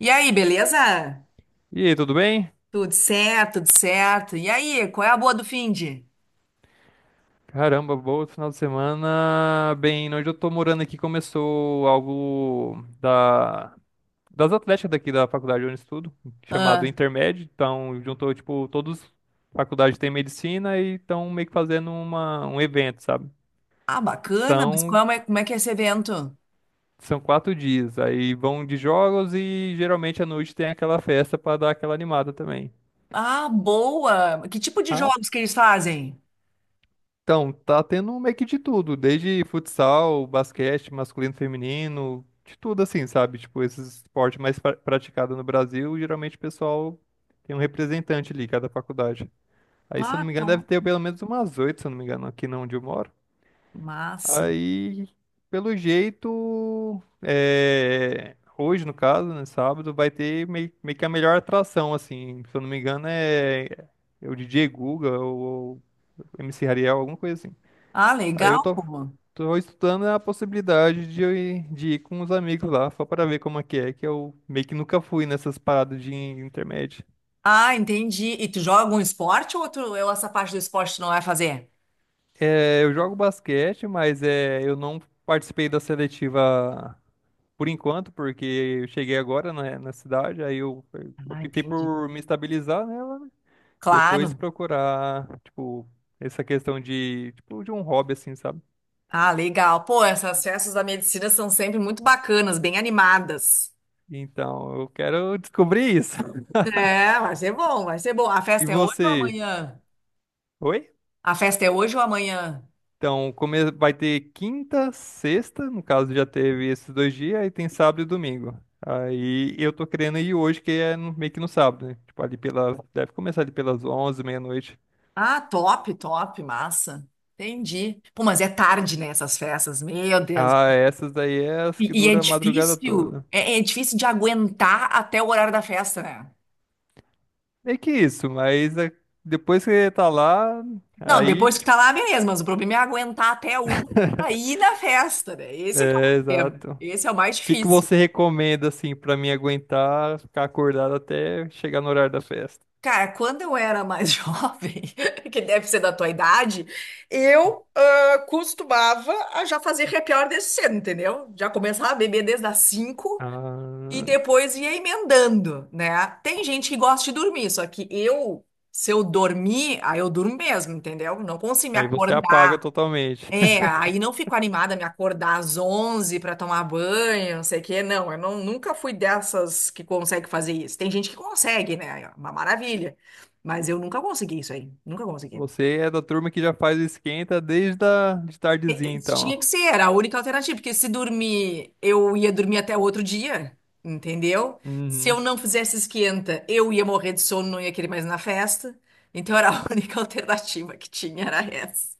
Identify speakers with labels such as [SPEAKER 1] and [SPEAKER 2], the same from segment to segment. [SPEAKER 1] E aí, beleza?
[SPEAKER 2] E aí, tudo bem?
[SPEAKER 1] Tudo certo, tudo certo. E aí, qual é a boa do finde?
[SPEAKER 2] Caramba, bom final de semana. Bem, né, onde eu tô morando aqui começou algo das atléticas daqui da faculdade onde eu estudo, chamado
[SPEAKER 1] Ah,
[SPEAKER 2] Intermed. Então, juntou, tipo, todos faculdades têm medicina e estão meio que fazendo um evento, sabe?
[SPEAKER 1] ah, bacana, mas
[SPEAKER 2] São,
[SPEAKER 1] qual é, como é que é esse evento?
[SPEAKER 2] são 4 dias. Aí vão de jogos e geralmente à noite tem aquela festa pra dar aquela animada também.
[SPEAKER 1] Ah, boa! Que tipo de
[SPEAKER 2] Ah,
[SPEAKER 1] jogos que eles fazem?
[SPEAKER 2] então, tá tendo meio que de tudo, desde futsal, basquete, masculino, feminino, de tudo assim, sabe? Tipo, esses esportes mais praticados no Brasil, geralmente o pessoal tem um representante ali, cada faculdade. Aí, se eu não
[SPEAKER 1] Ah,
[SPEAKER 2] me engano, deve
[SPEAKER 1] top.
[SPEAKER 2] ter pelo menos umas oito, se eu não me engano, aqui na onde eu moro.
[SPEAKER 1] Massa.
[SPEAKER 2] Aí, pelo jeito, é, hoje, no caso, né, sábado, vai ter meio que a melhor atração, assim, se eu não me engano, é o DJ Guga ou MC Ariel, alguma coisa assim.
[SPEAKER 1] Ah,
[SPEAKER 2] Aí eu
[SPEAKER 1] legal,
[SPEAKER 2] tô,
[SPEAKER 1] pô.
[SPEAKER 2] tô estudando a possibilidade de ir com os amigos lá, só para ver como é, que eu meio que nunca fui nessas paradas de intermédio.
[SPEAKER 1] Ah, entendi. E tu joga um esporte ou, tu, ou essa parte do esporte tu não vai fazer?
[SPEAKER 2] É, eu jogo basquete, mas é, eu não participei da seletiva por enquanto, porque eu cheguei agora na cidade, aí eu
[SPEAKER 1] Ah,
[SPEAKER 2] optei
[SPEAKER 1] entendi.
[SPEAKER 2] por me estabilizar nela, depois
[SPEAKER 1] Claro.
[SPEAKER 2] procurar, tipo, essa questão de, tipo, de um hobby, assim, sabe?
[SPEAKER 1] Ah, legal. Pô, essas festas da medicina são sempre muito bacanas, bem animadas.
[SPEAKER 2] Então, eu quero descobrir isso.
[SPEAKER 1] É, vai ser bom, vai ser bom. A
[SPEAKER 2] E
[SPEAKER 1] festa é hoje ou
[SPEAKER 2] você?
[SPEAKER 1] amanhã?
[SPEAKER 2] Oi?
[SPEAKER 1] A festa é hoje ou amanhã?
[SPEAKER 2] Então, vai ter quinta, sexta, no caso já teve esses 2 dias, aí tem sábado e domingo. Aí eu tô querendo ir hoje, que é meio que no sábado, né? Tipo, ali pela. Deve começar ali pelas 11 meia-noite.
[SPEAKER 1] Ah, top, top, massa. Entendi. Pô, mas é tarde, né, essas festas, meu Deus.
[SPEAKER 2] Ah, essas daí é as que
[SPEAKER 1] E é
[SPEAKER 2] duram a madrugada
[SPEAKER 1] difícil,
[SPEAKER 2] toda.
[SPEAKER 1] é difícil de aguentar até o horário da festa, né?
[SPEAKER 2] Meio que isso, mas é, depois que você tá lá,
[SPEAKER 1] Não,
[SPEAKER 2] aí,
[SPEAKER 1] depois que tá
[SPEAKER 2] tipo,
[SPEAKER 1] lá, beleza, mas o problema é aguentar até uma aí na festa, né? Esse é que é o
[SPEAKER 2] é,
[SPEAKER 1] problema.
[SPEAKER 2] exato. O
[SPEAKER 1] Esse é o mais
[SPEAKER 2] que que
[SPEAKER 1] difícil.
[SPEAKER 2] você recomenda, assim, pra mim aguentar ficar acordado até chegar no horário da festa?
[SPEAKER 1] Cara, quando eu era mais jovem, que deve ser da tua idade, eu costumava a já fazer happy hour desde cedo, entendeu? Já começava a beber desde as cinco. E
[SPEAKER 2] Ah,
[SPEAKER 1] depois ia emendando, né? Tem gente que gosta de dormir, só que eu, se eu dormir, aí eu durmo mesmo, entendeu? Não consigo me
[SPEAKER 2] aí você apaga
[SPEAKER 1] acordar.
[SPEAKER 2] totalmente.
[SPEAKER 1] É, aí não fico animada a me acordar às 11 para tomar banho, não sei o quê. Não, eu não, nunca fui dessas que consegue fazer isso. Tem gente que consegue, né? É uma maravilha. Mas eu nunca consegui isso aí. Nunca consegui.
[SPEAKER 2] Você é da turma que já faz o esquenta desde de tardezinha, então. Ó.
[SPEAKER 1] Tinha que ser, era a única alternativa, porque se dormir, eu ia dormir até outro dia, entendeu? Se eu
[SPEAKER 2] Uhum.
[SPEAKER 1] não fizesse esquenta, eu ia morrer de sono, não ia querer mais ir na festa. Então era a única alternativa que tinha, era essa.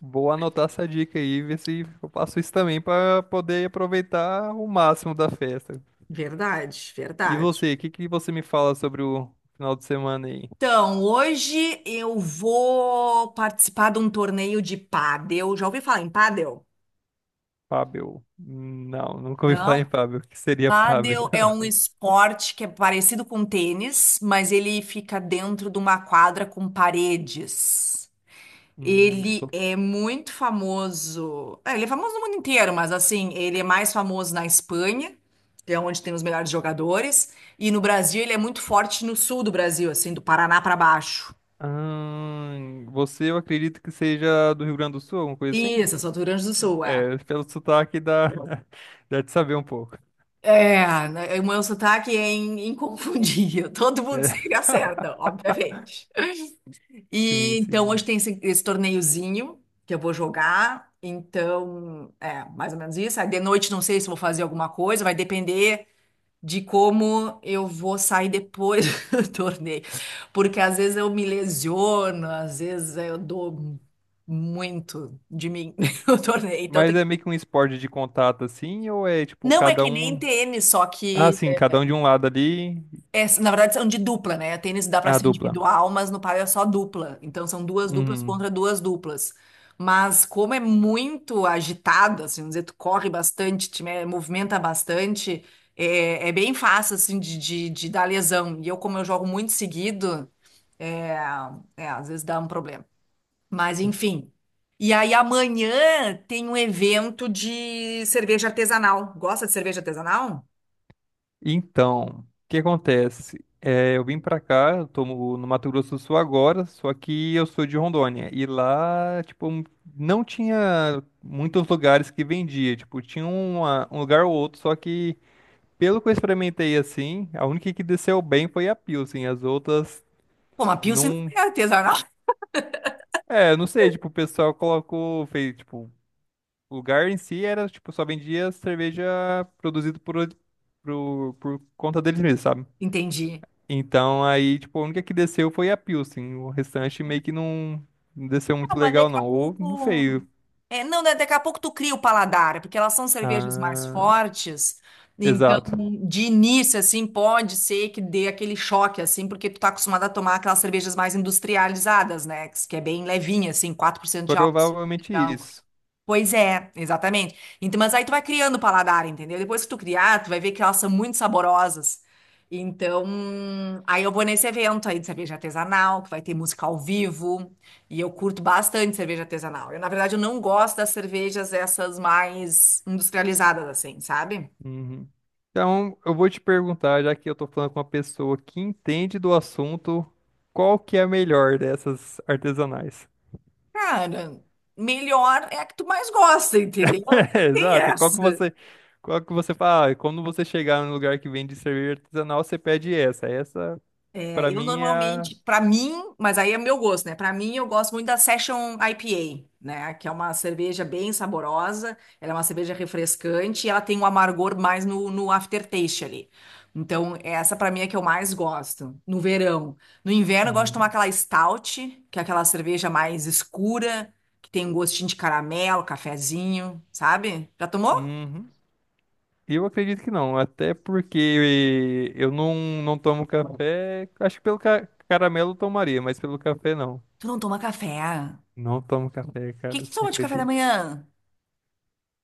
[SPEAKER 2] Vou anotar essa dica aí, ver se eu faço isso também para poder aproveitar o máximo da festa.
[SPEAKER 1] Verdade,
[SPEAKER 2] E
[SPEAKER 1] verdade.
[SPEAKER 2] você, o que que você me fala sobre o final de semana aí?
[SPEAKER 1] Então, hoje eu vou participar de um torneio de pádel. Já ouvi falar em pádel?
[SPEAKER 2] Fábio? Não, nunca ouvi falar em
[SPEAKER 1] Não?
[SPEAKER 2] Fábio. O que seria Fábio?
[SPEAKER 1] Pádel é um esporte que é parecido com tênis, mas ele fica dentro de uma quadra com paredes.
[SPEAKER 2] Hum,
[SPEAKER 1] Ele
[SPEAKER 2] tô-
[SPEAKER 1] é muito famoso. É, ele é famoso no mundo inteiro, mas assim, ele é mais famoso na Espanha, que é onde tem os melhores jogadores, e no Brasil ele é muito forte no sul do Brasil, assim, do Paraná pra baixo.
[SPEAKER 2] Você, eu acredito que seja do Rio Grande do Sul, alguma coisa assim?
[SPEAKER 1] Isso, eu sou do Rio Grande do Sul, é.
[SPEAKER 2] É, pelo sotaque dá, dá de saber um pouco.
[SPEAKER 1] É, né, o meu sotaque é inconfundível. Todo
[SPEAKER 2] Né?
[SPEAKER 1] mundo sempre acerta, obviamente.
[SPEAKER 2] Sim,
[SPEAKER 1] E então
[SPEAKER 2] sim.
[SPEAKER 1] hoje tem esse torneiozinho que eu vou jogar. Então, é, mais ou menos isso. Aí de noite não sei se eu vou fazer alguma coisa, vai depender de como eu vou sair depois do torneio. Porque às vezes eu me lesiono, às vezes eu dou muito de mim no torneio. Então
[SPEAKER 2] Mas
[SPEAKER 1] tem.
[SPEAKER 2] é meio que um esporte de contato assim, ou é tipo
[SPEAKER 1] Não é
[SPEAKER 2] cada
[SPEAKER 1] que nem
[SPEAKER 2] um.
[SPEAKER 1] tênis, só
[SPEAKER 2] Ah,
[SPEAKER 1] que
[SPEAKER 2] sim, cada um de um lado ali,
[SPEAKER 1] é, na verdade, são de dupla, né? Tênis dá para
[SPEAKER 2] a
[SPEAKER 1] ser
[SPEAKER 2] dupla.
[SPEAKER 1] individual, mas no pádel é só dupla. Então, são duas duplas
[SPEAKER 2] Uhum.
[SPEAKER 1] contra duas duplas. Mas como é muito agitado, assim, vamos dizer, tu corre bastante, movimenta bastante, é, é bem fácil, assim, de dar lesão. E eu, como eu jogo muito seguido, é, é, às vezes dá um problema. Mas, enfim. E aí, amanhã tem um evento de cerveja artesanal. Gosta de cerveja artesanal?
[SPEAKER 2] Então, o que acontece? É, eu vim pra cá, eu tô no Mato Grosso do Sul agora, só que eu sou de Rondônia. E lá, tipo, não tinha muitos lugares que vendia. Tipo, tinha um lugar ou outro, só que pelo que eu experimentei assim, a única que desceu bem foi a Pilsen. As outras
[SPEAKER 1] Pô, uma Pilsen não
[SPEAKER 2] não.
[SPEAKER 1] é artesanal.
[SPEAKER 2] É, não sei, tipo, o pessoal colocou, fez, tipo. O lugar em si era, tipo, só vendia cerveja produzida por, conta deles mesmos, sabe?
[SPEAKER 1] Entendi.
[SPEAKER 2] Então aí, tipo, a única que desceu foi a Pilsen. O restante meio que não desceu
[SPEAKER 1] Não,
[SPEAKER 2] muito
[SPEAKER 1] mas
[SPEAKER 2] legal,
[SPEAKER 1] daqui a
[SPEAKER 2] não. Ou não
[SPEAKER 1] pouco.
[SPEAKER 2] sei.
[SPEAKER 1] É, não, né, daqui a pouco tu cria o paladar, é porque elas são cervejas mais
[SPEAKER 2] Ah,
[SPEAKER 1] fortes. Então,
[SPEAKER 2] exato.
[SPEAKER 1] de início, assim, pode ser que dê aquele choque, assim, porque tu tá acostumado a tomar aquelas cervejas mais industrializadas, né? Que é bem levinha, assim, 4% de
[SPEAKER 2] Provavelmente
[SPEAKER 1] álcool.
[SPEAKER 2] isso.
[SPEAKER 1] Pois é, exatamente. Então, mas aí tu vai criando o paladar, entendeu? Depois que tu criar, tu vai ver que elas são muito saborosas. Então, aí eu vou nesse evento aí de cerveja artesanal, que vai ter música ao vivo, e eu curto bastante cerveja artesanal. Eu, na verdade, eu não gosto das cervejas essas mais industrializadas, assim, sabe?
[SPEAKER 2] Uhum. Então, eu vou te perguntar, já que eu tô falando com uma pessoa que entende do assunto, qual que é a melhor dessas artesanais?
[SPEAKER 1] Cara, melhor é a que tu mais gosta, entendeu?
[SPEAKER 2] É,
[SPEAKER 1] Não tem
[SPEAKER 2] exato.
[SPEAKER 1] essa.
[SPEAKER 2] Qual que você fala? "Ah, quando você chegar num lugar que vende cerveja artesanal, você pede essa. Essa,
[SPEAKER 1] É,
[SPEAKER 2] pra
[SPEAKER 1] eu
[SPEAKER 2] mim, é a.
[SPEAKER 1] normalmente, mas aí é meu gosto, né? Pra mim, eu gosto muito da Session IPA, né? Que é uma cerveja bem saborosa, ela é uma cerveja refrescante e ela tem um amargor mais no aftertaste ali. Então, essa pra mim é que eu mais gosto, no verão. No inverno, eu gosto de tomar
[SPEAKER 2] Uhum.
[SPEAKER 1] aquela stout, que é aquela cerveja mais escura, que tem um gostinho de caramelo, cafezinho, sabe? Já tomou?
[SPEAKER 2] Uhum. Eu acredito que não, até porque eu não tomo café. Acho que pelo caramelo eu tomaria, mas pelo café não.
[SPEAKER 1] Tu não toma café? O
[SPEAKER 2] Não tomo café,
[SPEAKER 1] que
[SPEAKER 2] cara,
[SPEAKER 1] que tu
[SPEAKER 2] você
[SPEAKER 1] toma de café da
[SPEAKER 2] acredita?
[SPEAKER 1] manhã?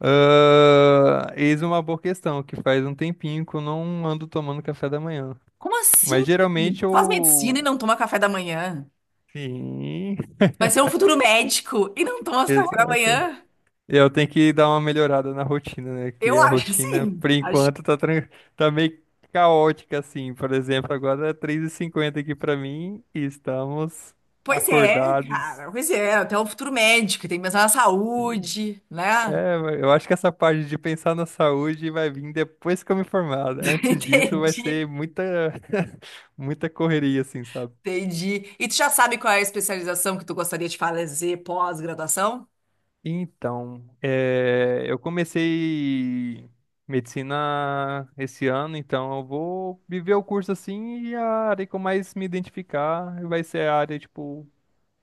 [SPEAKER 2] Ah, eis uma boa questão, que faz um tempinho que eu não ando tomando café da manhã.
[SPEAKER 1] Como assim?
[SPEAKER 2] Mas geralmente
[SPEAKER 1] Faz medicina
[SPEAKER 2] eu.
[SPEAKER 1] e não toma café da manhã?
[SPEAKER 2] Sim.
[SPEAKER 1] Vai ser um futuro médico e não toma café da
[SPEAKER 2] Exato.
[SPEAKER 1] manhã?
[SPEAKER 2] Eu tenho que dar uma melhorada na rotina, né? Que
[SPEAKER 1] Eu
[SPEAKER 2] a
[SPEAKER 1] acho
[SPEAKER 2] rotina,
[SPEAKER 1] sim.
[SPEAKER 2] por
[SPEAKER 1] Acho.
[SPEAKER 2] enquanto, tá meio caótica, assim. Por exemplo, agora é 3:50 aqui pra mim e estamos
[SPEAKER 1] Pois é,
[SPEAKER 2] acordados.
[SPEAKER 1] cara. Pois é, até o futuro médico. Tem que pensar na saúde, né?
[SPEAKER 2] É, eu acho que essa parte de pensar na saúde vai vir depois que eu me formar. Né? Antes disso, vai
[SPEAKER 1] Entendi,
[SPEAKER 2] ser muita, muita correria, assim, sabe?
[SPEAKER 1] entendi. E tu já sabe qual é a especialização que tu gostaria de fazer pós-graduação?
[SPEAKER 2] Então, eu comecei medicina esse ano, então eu vou viver o curso assim e a área que eu mais me identificar vai ser a área, tipo,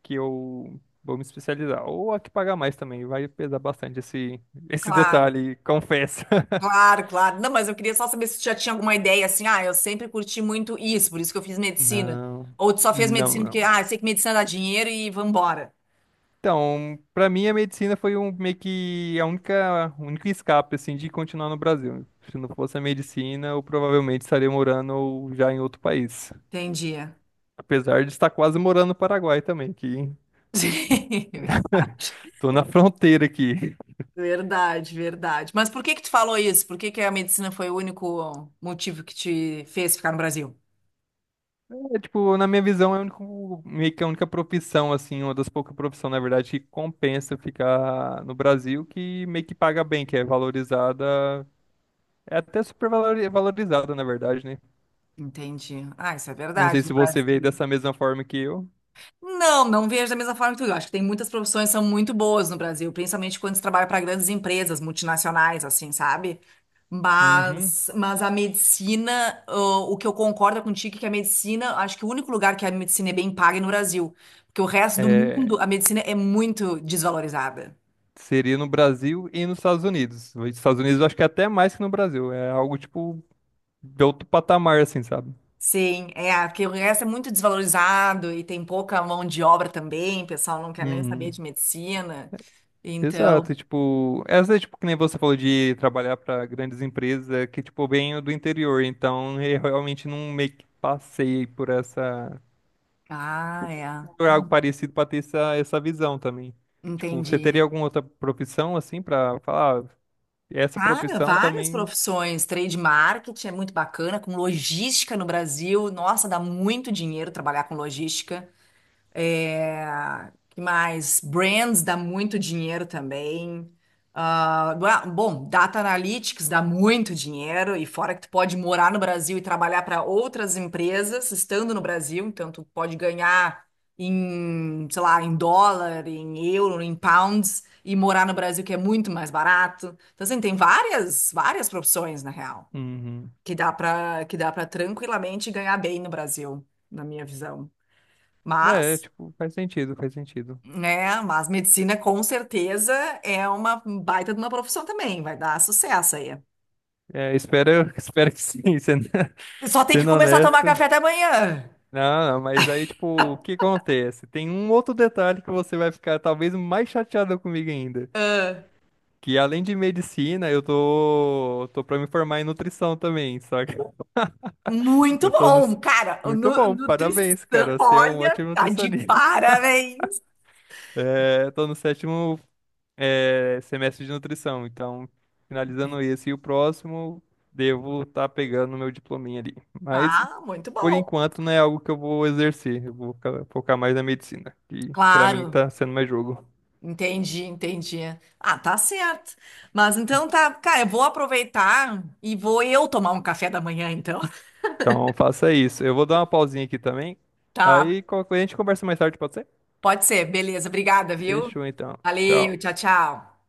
[SPEAKER 2] que eu vou me especializar. Ou a que pagar mais também, vai pesar bastante esse, esse
[SPEAKER 1] Claro,
[SPEAKER 2] detalhe, confesso.
[SPEAKER 1] claro, claro. Não, mas eu queria só saber se tu já tinha alguma ideia assim. Ah, eu sempre curti muito isso, por isso que eu fiz medicina.
[SPEAKER 2] Não,
[SPEAKER 1] Ou tu só fez
[SPEAKER 2] não,
[SPEAKER 1] medicina porque,
[SPEAKER 2] não.
[SPEAKER 1] ah, eu sei que medicina dá dinheiro e vambora.
[SPEAKER 2] Então, pra mim a medicina foi um meio que a única, o único escape assim de continuar no Brasil. Se não fosse a medicina, eu provavelmente estaria morando já em outro país.
[SPEAKER 1] Entendi.
[SPEAKER 2] Apesar de estar quase morando no Paraguai também, que
[SPEAKER 1] Sim, verdade.
[SPEAKER 2] tô na fronteira aqui.
[SPEAKER 1] Verdade, verdade. Mas por que que tu falou isso? Por que que a medicina foi o único motivo que te fez ficar no Brasil?
[SPEAKER 2] É, tipo, na minha visão, é o único, meio que a única profissão assim, uma das poucas profissões, na verdade, que compensa ficar no Brasil, que meio que paga bem, que é valorizada, é até super valorizada, na verdade, né?
[SPEAKER 1] Entendi. Ah, isso é
[SPEAKER 2] Não sei
[SPEAKER 1] verdade, no
[SPEAKER 2] se você veio
[SPEAKER 1] Brasil.
[SPEAKER 2] dessa mesma forma que eu.
[SPEAKER 1] Não, não vejo da mesma forma que tu. Eu acho que tem muitas profissões que são muito boas no Brasil, principalmente quando se trabalha para grandes empresas multinacionais, assim, sabe?
[SPEAKER 2] Uhum.
[SPEAKER 1] Mas a medicina, o que eu concordo contigo é que a medicina, acho que o único lugar que a medicina é bem paga é no Brasil, porque o resto do
[SPEAKER 2] É,
[SPEAKER 1] mundo a medicina é muito desvalorizada.
[SPEAKER 2] seria no Brasil e nos Estados Unidos. Nos Estados Unidos eu acho que é até mais que no Brasil. É algo, tipo, de outro patamar, assim, sabe?
[SPEAKER 1] Sim, é, porque o resto é muito desvalorizado e tem pouca mão de obra também, o pessoal não quer nem saber
[SPEAKER 2] Uhum.
[SPEAKER 1] de medicina. Então,
[SPEAKER 2] Exato, e, tipo, essa é tipo que nem você falou de trabalhar para grandes empresas, é que tipo eu venho do interior, então eu realmente não meio que passei por essa
[SPEAKER 1] ah, é.
[SPEAKER 2] por algo
[SPEAKER 1] Uhum,
[SPEAKER 2] parecido para ter essa, essa visão também. Tipo, você
[SPEAKER 1] entendi.
[SPEAKER 2] teria alguma outra profissão assim para falar, "Ah, essa
[SPEAKER 1] Cara,
[SPEAKER 2] profissão
[SPEAKER 1] várias
[SPEAKER 2] também.
[SPEAKER 1] profissões, trade marketing é muito bacana, com logística no Brasil, nossa, dá muito dinheiro trabalhar com logística. É, que mais? Brands dá muito dinheiro também. Ah, bom, Data Analytics dá muito dinheiro, e fora que tu pode morar no Brasil e trabalhar para outras empresas estando no Brasil, então tu pode ganhar em, sei lá, em dólar, em euro, em pounds, e morar no Brasil que é muito mais barato. Então, assim, tem várias, várias profissões, na real,
[SPEAKER 2] Uhum.
[SPEAKER 1] que dá para tranquilamente ganhar bem no Brasil, na minha visão.
[SPEAKER 2] É,
[SPEAKER 1] Mas
[SPEAKER 2] tipo, faz sentido, faz sentido.
[SPEAKER 1] mas medicina com certeza é uma baita de uma profissão também, vai dar sucesso aí.
[SPEAKER 2] É, espero, espero que sim, sendo,
[SPEAKER 1] Só tem que
[SPEAKER 2] sendo
[SPEAKER 1] começar a tomar
[SPEAKER 2] honesto.
[SPEAKER 1] café da manhã.
[SPEAKER 2] Não, não, mas aí, tipo, o que acontece? Tem um outro detalhe que você vai ficar talvez mais chateado comigo ainda. Que além de medicina, eu tô pra me formar em nutrição também, saca?
[SPEAKER 1] Muito
[SPEAKER 2] Eu tô no...
[SPEAKER 1] bom, cara.
[SPEAKER 2] Muito bom,
[SPEAKER 1] Nutrição,
[SPEAKER 2] parabéns, cara. Você é um
[SPEAKER 1] olha,
[SPEAKER 2] ótimo
[SPEAKER 1] tá de
[SPEAKER 2] nutricionista.
[SPEAKER 1] parabéns.
[SPEAKER 2] É, eu tô no sétimo semestre de nutrição. Então, finalizando esse e o próximo, devo estar pegando meu diplominha ali. Mas,
[SPEAKER 1] Ah, muito
[SPEAKER 2] por
[SPEAKER 1] bom.
[SPEAKER 2] enquanto, não é algo que eu vou exercer. Eu vou focar mais na medicina, que pra mim
[SPEAKER 1] Claro,
[SPEAKER 2] tá sendo mais jogo.
[SPEAKER 1] entendi, entendi. Ah, tá certo. Mas então tá, cara, eu vou aproveitar e vou eu tomar um café da manhã, então.
[SPEAKER 2] Então, faça isso. Eu vou dar uma pausinha aqui também.
[SPEAKER 1] Tá,
[SPEAKER 2] Aí, qualquer coisa, a gente conversa mais tarde, pode ser?
[SPEAKER 1] pode ser, beleza. Obrigada, viu?
[SPEAKER 2] Fechou, então.
[SPEAKER 1] Valeu,
[SPEAKER 2] Tchau.
[SPEAKER 1] tchau, tchau.